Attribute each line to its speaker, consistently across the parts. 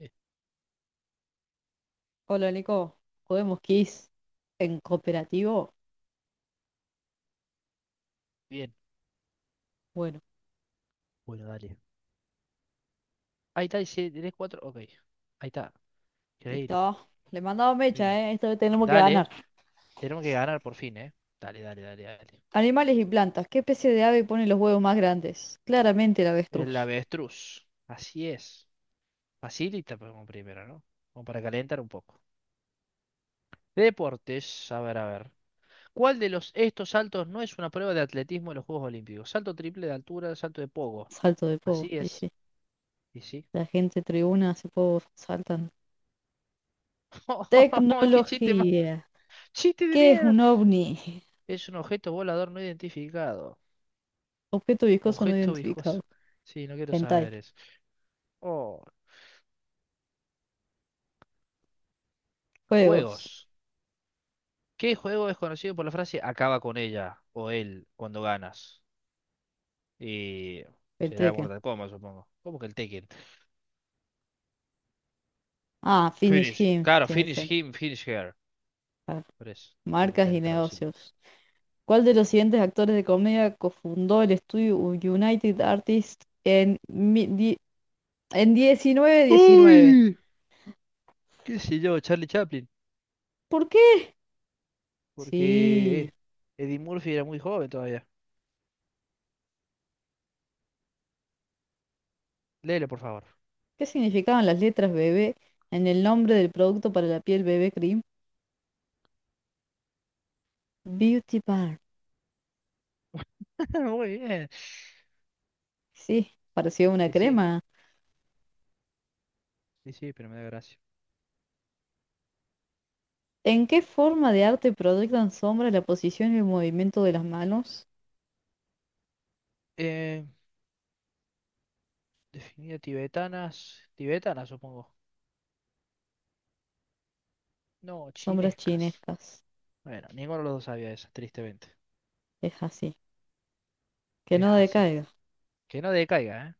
Speaker 1: Eh,
Speaker 2: Hola Nico, ¿podemos Kiss en cooperativo?
Speaker 1: Bien,
Speaker 2: Bueno,
Speaker 1: bueno, dale. Ahí está, dice, tres cuatro. Ok, ahí está. Increíble.
Speaker 2: listo. Le mandaba
Speaker 1: Muy
Speaker 2: mecha,
Speaker 1: bien.
Speaker 2: ¿eh? Esta vez tenemos que
Speaker 1: Dale,
Speaker 2: ganar.
Speaker 1: tenemos que ganar por fin, ¿eh? Dale, dale, dale, dale.
Speaker 2: Animales y plantas. ¿Qué especie de ave pone los huevos más grandes? Claramente el
Speaker 1: El
Speaker 2: avestruz.
Speaker 1: avestruz. Así es. Facilita pues, como primero, ¿no? Como para calentar un poco. Deportes, a ver, a ver. ¿Cuál de los estos saltos no es una prueba de atletismo en los Juegos Olímpicos? Salto triple de altura, salto de pogo.
Speaker 2: Salto de
Speaker 1: Así
Speaker 2: povo, y
Speaker 1: es.
Speaker 2: sí.
Speaker 1: Y sí.
Speaker 2: La gente tribuna hace povo, saltan.
Speaker 1: ¡Qué chiste más!
Speaker 2: Tecnología.
Speaker 1: ¡Chiste de
Speaker 2: ¿Qué es
Speaker 1: mierda!
Speaker 2: un ovni?
Speaker 1: Es un objeto volador no identificado.
Speaker 2: Objeto viscoso no
Speaker 1: Objeto
Speaker 2: identificado.
Speaker 1: viscoso. Sí, no quiero
Speaker 2: Hentai.
Speaker 1: saber eso. Oh,
Speaker 2: Juegos.
Speaker 1: juegos. ¿Qué juego es conocido por la frase acaba con ella o él cuando ganas? Y
Speaker 2: El
Speaker 1: será
Speaker 2: Tekken.
Speaker 1: Mortal Kombat, supongo. ¿Cómo que el Tekken?
Speaker 2: Ah, Finish
Speaker 1: Finish.
Speaker 2: Him.
Speaker 1: Claro,
Speaker 2: Tiene
Speaker 1: finish
Speaker 2: sentido.
Speaker 1: him, finish her.
Speaker 2: Ah,
Speaker 1: Por eso, tiene
Speaker 2: marcas y
Speaker 1: tiene traducido.
Speaker 2: negocios. ¿Cuál de los siguientes actores de comedia cofundó el estudio United Artists en 1919?
Speaker 1: Uy, qué sé yo, Charlie Chaplin.
Speaker 2: ¿Por qué?
Speaker 1: Porque
Speaker 2: Sí.
Speaker 1: Eddie Murphy era muy joven todavía. Léelo, por favor.
Speaker 2: ¿Qué significaban las letras bebé en el nombre del producto para la piel bebé cream? Beauty Bar.
Speaker 1: Muy bien.
Speaker 2: Sí, parecía una
Speaker 1: Y sí,
Speaker 2: crema.
Speaker 1: y sí, pero me da gracia.
Speaker 2: ¿En qué forma de arte proyectan sombras la posición y el movimiento de las manos?
Speaker 1: Eh, definida tibetanas. Tibetanas, supongo. No,
Speaker 2: Sombras
Speaker 1: chinescas.
Speaker 2: chinescas.
Speaker 1: Bueno, ninguno de los dos sabía esa, tristemente.
Speaker 2: Es así. Que
Speaker 1: Es
Speaker 2: no
Speaker 1: así.
Speaker 2: decaiga.
Speaker 1: Que no decaiga, ¿eh?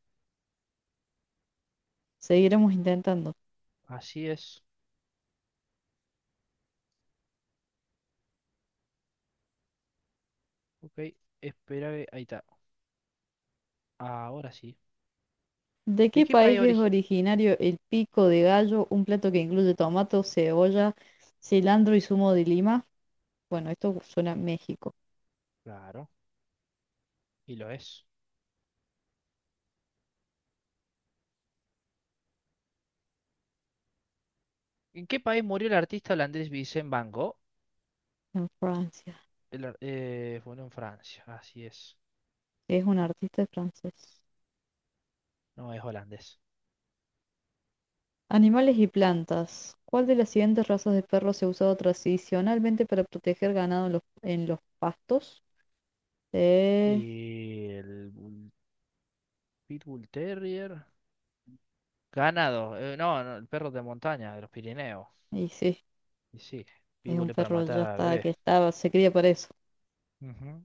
Speaker 2: Seguiremos intentando.
Speaker 1: Así es. Ok, espera que... Ahí está. Ahora sí.
Speaker 2: ¿De
Speaker 1: ¿De
Speaker 2: qué
Speaker 1: qué país
Speaker 2: país es
Speaker 1: origen?
Speaker 2: originario el pico de gallo, un plato que incluye tomato, cebolla, cilantro y zumo de lima? Bueno, esto suena a México,
Speaker 1: Claro, y lo es. ¿En qué país murió el artista holandés Vincent Van Gogh?
Speaker 2: en Francia.
Speaker 1: Bueno, en Francia, así es.
Speaker 2: Es un artista francés.
Speaker 1: No es holandés.
Speaker 2: Animales y plantas. ¿Cuál de las siguientes razas de perros se ha usado tradicionalmente para proteger ganado en los pastos? Eh,
Speaker 1: Y el Bull- Pitbull Terrier. Ganado. No, no, el perro de montaña, de los Pirineos.
Speaker 2: y sí,
Speaker 1: Y sí,
Speaker 2: es un
Speaker 1: Pitbull es para
Speaker 2: perro ya
Speaker 1: matar a
Speaker 2: está que
Speaker 1: bebé.
Speaker 2: estaba, se cría para eso.
Speaker 1: Ujú.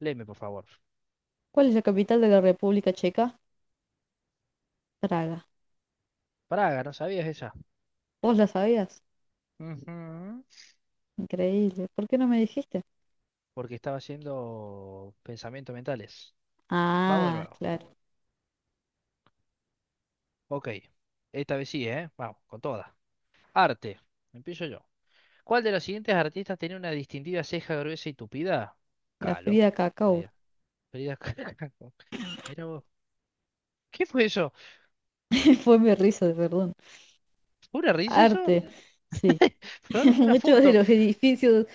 Speaker 1: Léeme, por favor.
Speaker 2: ¿Cuál es la capital de la República Checa? Praga.
Speaker 1: Praga, ¿no sabías esa?
Speaker 2: ¿Vos la sabías?
Speaker 1: Ujú.
Speaker 2: Increíble. ¿Por qué no me dijiste?
Speaker 1: Porque estaba haciendo pensamientos mentales. Vamos de
Speaker 2: Ah,
Speaker 1: nuevo.
Speaker 2: claro.
Speaker 1: Ok. Esta vez sí, ¿eh? Vamos, con toda. Arte. Empiezo yo. ¿Cuál de los siguientes artistas tiene una distintiva ceja gruesa y tupida?
Speaker 2: La
Speaker 1: Calo.
Speaker 2: Frida Cacao.
Speaker 1: Frida. Frida Kahlo. Mira vos. ¿Qué fue eso?
Speaker 2: Fue mi risa, perdón.
Speaker 1: ¿Una risa eso?
Speaker 2: Arte. Sí.
Speaker 1: Pasaron una
Speaker 2: Muchos de
Speaker 1: foto.
Speaker 2: los edificios,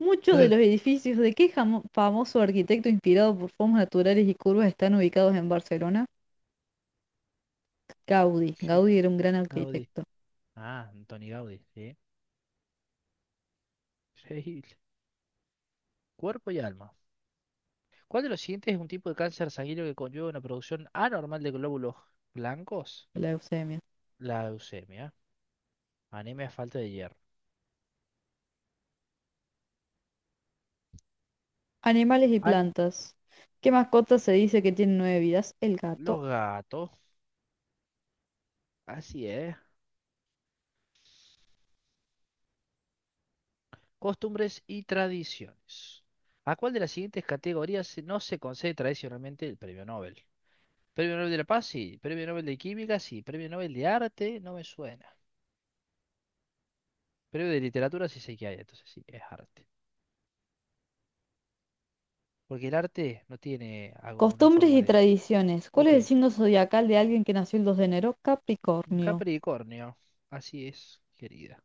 Speaker 2: ¿Muchos de los edificios de qué famoso arquitecto inspirado por formas naturales y curvas están ubicados en Barcelona? Gaudí.
Speaker 1: ¿Qué?
Speaker 2: Gaudí era un gran
Speaker 1: Gaudí.
Speaker 2: arquitecto
Speaker 1: Ah, Antoni Gaudí, sí. Increíble. Cuerpo y alma. ¿Cuál de los siguientes es un tipo de cáncer sanguíneo que conlleva una producción anormal de glóbulos blancos?
Speaker 2: de la Eusebia.
Speaker 1: La leucemia, anemia, falta de hierro.
Speaker 2: Animales y
Speaker 1: Ah,
Speaker 2: plantas. ¿Qué mascota se dice que tiene nueve vidas? El gato.
Speaker 1: los gatos, así es. Costumbres y tradiciones. ¿A cuál de las siguientes categorías no se concede tradicionalmente el premio Nobel? Premio Nobel de la Paz, sí. Premio Nobel de Química, sí. Premio Nobel de Arte, no me suena. Premio de Literatura, sí sé que hay, entonces sí, es arte. Porque el arte no tiene una
Speaker 2: Costumbres
Speaker 1: forma
Speaker 2: y
Speaker 1: de...
Speaker 2: tradiciones. ¿Cuál es
Speaker 1: Ok.
Speaker 2: el signo zodiacal de alguien que nació el 2 de enero?
Speaker 1: Un
Speaker 2: Capricornio.
Speaker 1: Capricornio, así es, querida.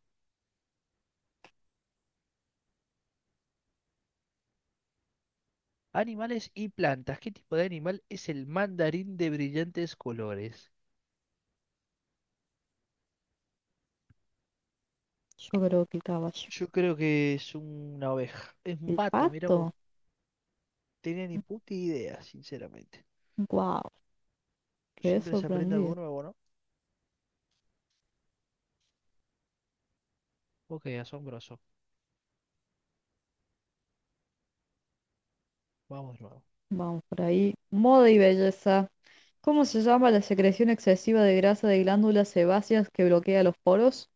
Speaker 1: Animales y plantas. ¿Qué tipo de animal es el mandarín de brillantes colores?
Speaker 2: Yo creo que el caballo.
Speaker 1: Yo creo que es una oveja. Es un
Speaker 2: El
Speaker 1: pato, mira vos.
Speaker 2: pato.
Speaker 1: Tenía ni puta idea, sinceramente.
Speaker 2: Wow, quedé
Speaker 1: Siempre se aprende algo
Speaker 2: sorprendido.
Speaker 1: nuevo, ¿no? Ok, asombroso. Vamos de nuevo.
Speaker 2: Vamos por ahí. Moda y belleza. ¿Cómo se llama la secreción excesiva de grasa de glándulas sebáceas que bloquea los poros?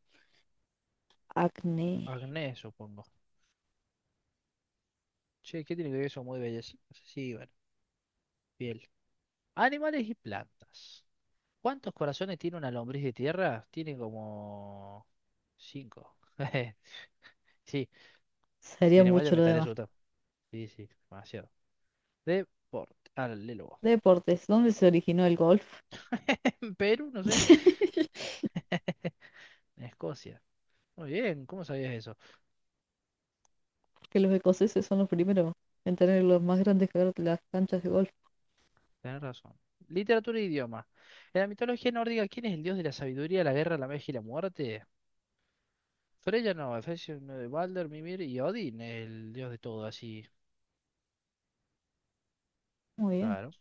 Speaker 2: Acné.
Speaker 1: Agnés, supongo. Che, ¿qué tiene que ver eso muy belleza? Sí, bueno, piel. Animales y plantas. ¿Cuántos corazones tiene una lombriz de tierra? Tiene como... Cinco. Sí, si
Speaker 2: Sería
Speaker 1: tiene malla,
Speaker 2: mucho
Speaker 1: me
Speaker 2: lo
Speaker 1: estaría
Speaker 2: demás.
Speaker 1: asustado. Sí, sí, demasiado. Deporte. Dale, luego.
Speaker 2: Deportes. ¿Dónde se originó el golf?
Speaker 1: En Perú, no sé. En Escocia. Muy bien, ¿cómo sabías eso?
Speaker 2: Que los escoceses son los primeros en tener los más grandes que las canchas de golf.
Speaker 1: Tenés razón. Literatura e idioma. En la mitología nórdica, ¿quién es el dios de la sabiduría, la guerra, la magia y la muerte? Freya no, Efesios no, de Balder, Mimir y Odín, el dios de todo, así.
Speaker 2: Muy bien.
Speaker 1: Claro.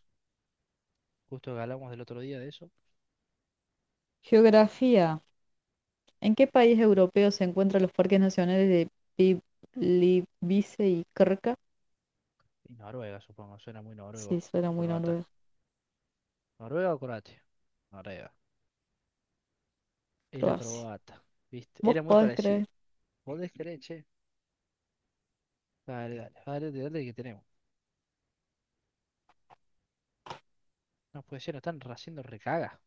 Speaker 1: Justo que hablamos del otro día de eso.
Speaker 2: Geografía. ¿En qué país europeo se encuentran los parques nacionales de Pi- Plitvice y Krka?
Speaker 1: Y Noruega, supongo, suena muy
Speaker 2: Sí,
Speaker 1: noruego.
Speaker 2: suena
Speaker 1: O
Speaker 2: muy
Speaker 1: croata.
Speaker 2: noruego.
Speaker 1: ¿Noruega o croatia? Noruega. Era
Speaker 2: Croacia.
Speaker 1: croata. ¿Viste?
Speaker 2: ¿Vos
Speaker 1: Era muy
Speaker 2: podés
Speaker 1: parecido.
Speaker 2: creer?
Speaker 1: ¿Podés creer, che? Dale, dale, dale, dale, dale, que tenemos. No puede ser, nos están haciendo recaga.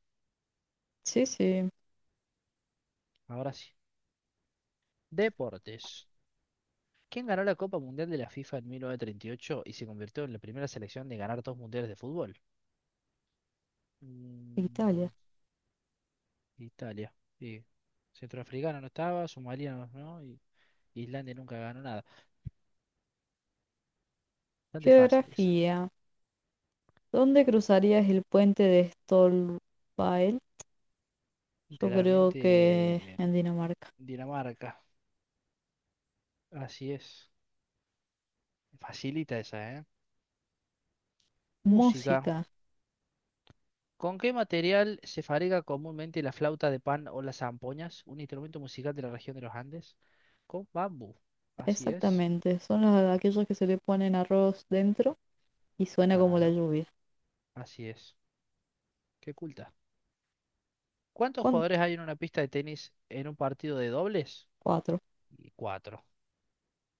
Speaker 2: Sí, sí,
Speaker 1: Ahora sí. Deportes. ¿Quién ganó la Copa Mundial de la FIFA en 1938 y ocho y se convirtió en la primera selección de ganar dos mundiales de fútbol?
Speaker 2: Italia.
Speaker 1: Mm, Italia. Sí. Centroafricano no estaba, Somalia no, ¿no? Y Islandia nunca ganó nada. Bastante fácil esa.
Speaker 2: Geografía. ¿Dónde cruzarías el puente de Stolpael?
Speaker 1: Y
Speaker 2: Yo creo
Speaker 1: claramente
Speaker 2: que en Dinamarca.
Speaker 1: Dinamarca. Así es. Facilita esa, ¿eh? Música.
Speaker 2: Música,
Speaker 1: ¿Con qué material se fabrica comúnmente la flauta de pan o las zampoñas, un instrumento musical de la región de los Andes? Con bambú. Así es.
Speaker 2: exactamente. Son aquellos que se le ponen arroz dentro y suena como la
Speaker 1: Claro,
Speaker 2: lluvia.
Speaker 1: así es. Qué culta. ¿Cuántos
Speaker 2: ¿Cuán-
Speaker 1: jugadores hay en una pista de tenis en un partido de dobles?
Speaker 2: Cuatro.
Speaker 1: Y cuatro.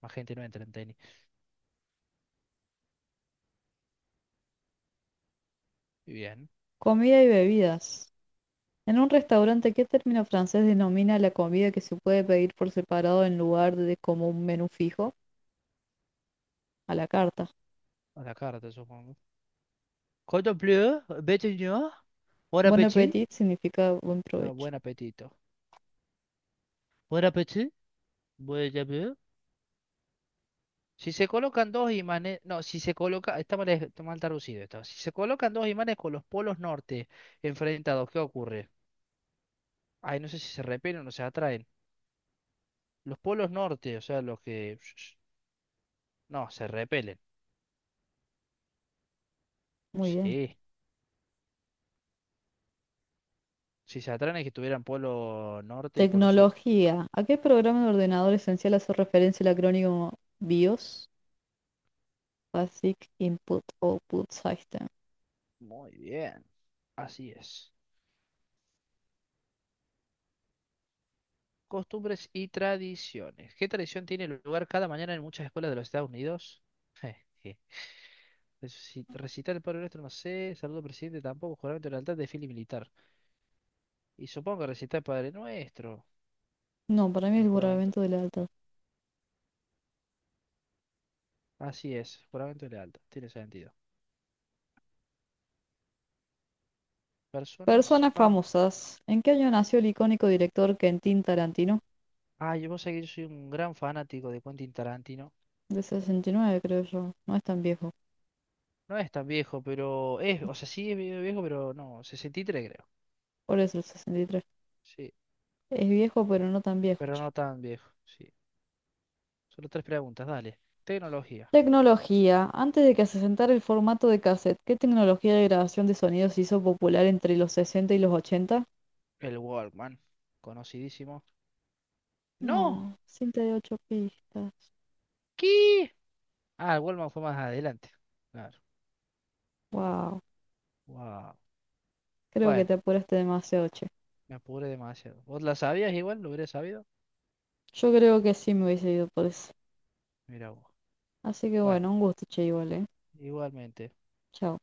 Speaker 1: Más gente no entra en tenis. Muy bien.
Speaker 2: Comida y bebidas. En un restaurante, ¿qué término francés denomina la comida que se puede pedir por separado en lugar de como un menú fijo? A la carta.
Speaker 1: A la carta, supongo. Contemplé, bête, Bon
Speaker 2: Bon
Speaker 1: appétit.
Speaker 2: appetit significa buen
Speaker 1: Ah,
Speaker 2: provecho.
Speaker 1: buen apetito. Buen apetito. Buen apetito. Si se colocan dos imanes, no, si se coloca, está mal, traducido esto. Si se colocan dos imanes con los polos norte enfrentados, ¿qué ocurre? Ay, no sé si se repelen o se atraen. Los polos norte, o sea, los que... No, se repelen.
Speaker 2: Muy bien.
Speaker 1: Sí. Si se atraen es que tuvieran polo norte y polo sur.
Speaker 2: Tecnología. ¿A qué programa de ordenador esencial hace referencia el acrónimo BIOS? Basic Input Output System.
Speaker 1: Muy bien. Así es. Costumbres y tradiciones. ¿Qué tradición tiene lugar cada mañana en muchas escuelas de los Estados Unidos? Recitar el Padre Nuestro, no sé. Saludo al presidente, tampoco. Juramento de lealtad de fili militar. Y supongo que recitar el Padre Nuestro.
Speaker 2: No, para mí
Speaker 1: O
Speaker 2: es
Speaker 1: el
Speaker 2: el
Speaker 1: juramento.
Speaker 2: borramiento de la alta.
Speaker 1: Así es, juramento de lealtad. Tiene sentido. Personas.
Speaker 2: Personas famosas. ¿En qué año nació el icónico director Quentin Tarantino?
Speaker 1: Ah, yo vos sabés que yo soy un gran fanático de Quentin Tarantino.
Speaker 2: De 69, creo yo. No es tan viejo.
Speaker 1: No es tan viejo, pero es. O sea, sí es medio viejo, pero no. Sesenta y tres creo.
Speaker 2: ¿Por eso el 63?
Speaker 1: Sí,
Speaker 2: Es viejo, pero no tan viejo,
Speaker 1: pero
Speaker 2: che.
Speaker 1: no tan viejo. Sí. Solo tres preguntas, dale. Tecnología.
Speaker 2: Tecnología. Antes de que se asentara el formato de cassette, ¿qué tecnología de grabación de sonidos se hizo popular entre los 60 y los 80?
Speaker 1: El Walkman. Conocidísimo. ¡No!
Speaker 2: No, cinta de 8 pistas.
Speaker 1: ¿Qué? Ah, el Walkman fue más adelante. Claro.
Speaker 2: Wow,
Speaker 1: Wow.
Speaker 2: creo que
Speaker 1: Bueno,
Speaker 2: te apuraste demasiado, che.
Speaker 1: me apuré demasiado. ¿Vos la sabías igual? ¿Lo hubiera sabido?
Speaker 2: Yo creo que sí me hubiese ido por eso.
Speaker 1: Mira vos.
Speaker 2: Así que
Speaker 1: Bueno,
Speaker 2: bueno, un gusto, che, igual, ¿eh?
Speaker 1: igualmente.
Speaker 2: Chao.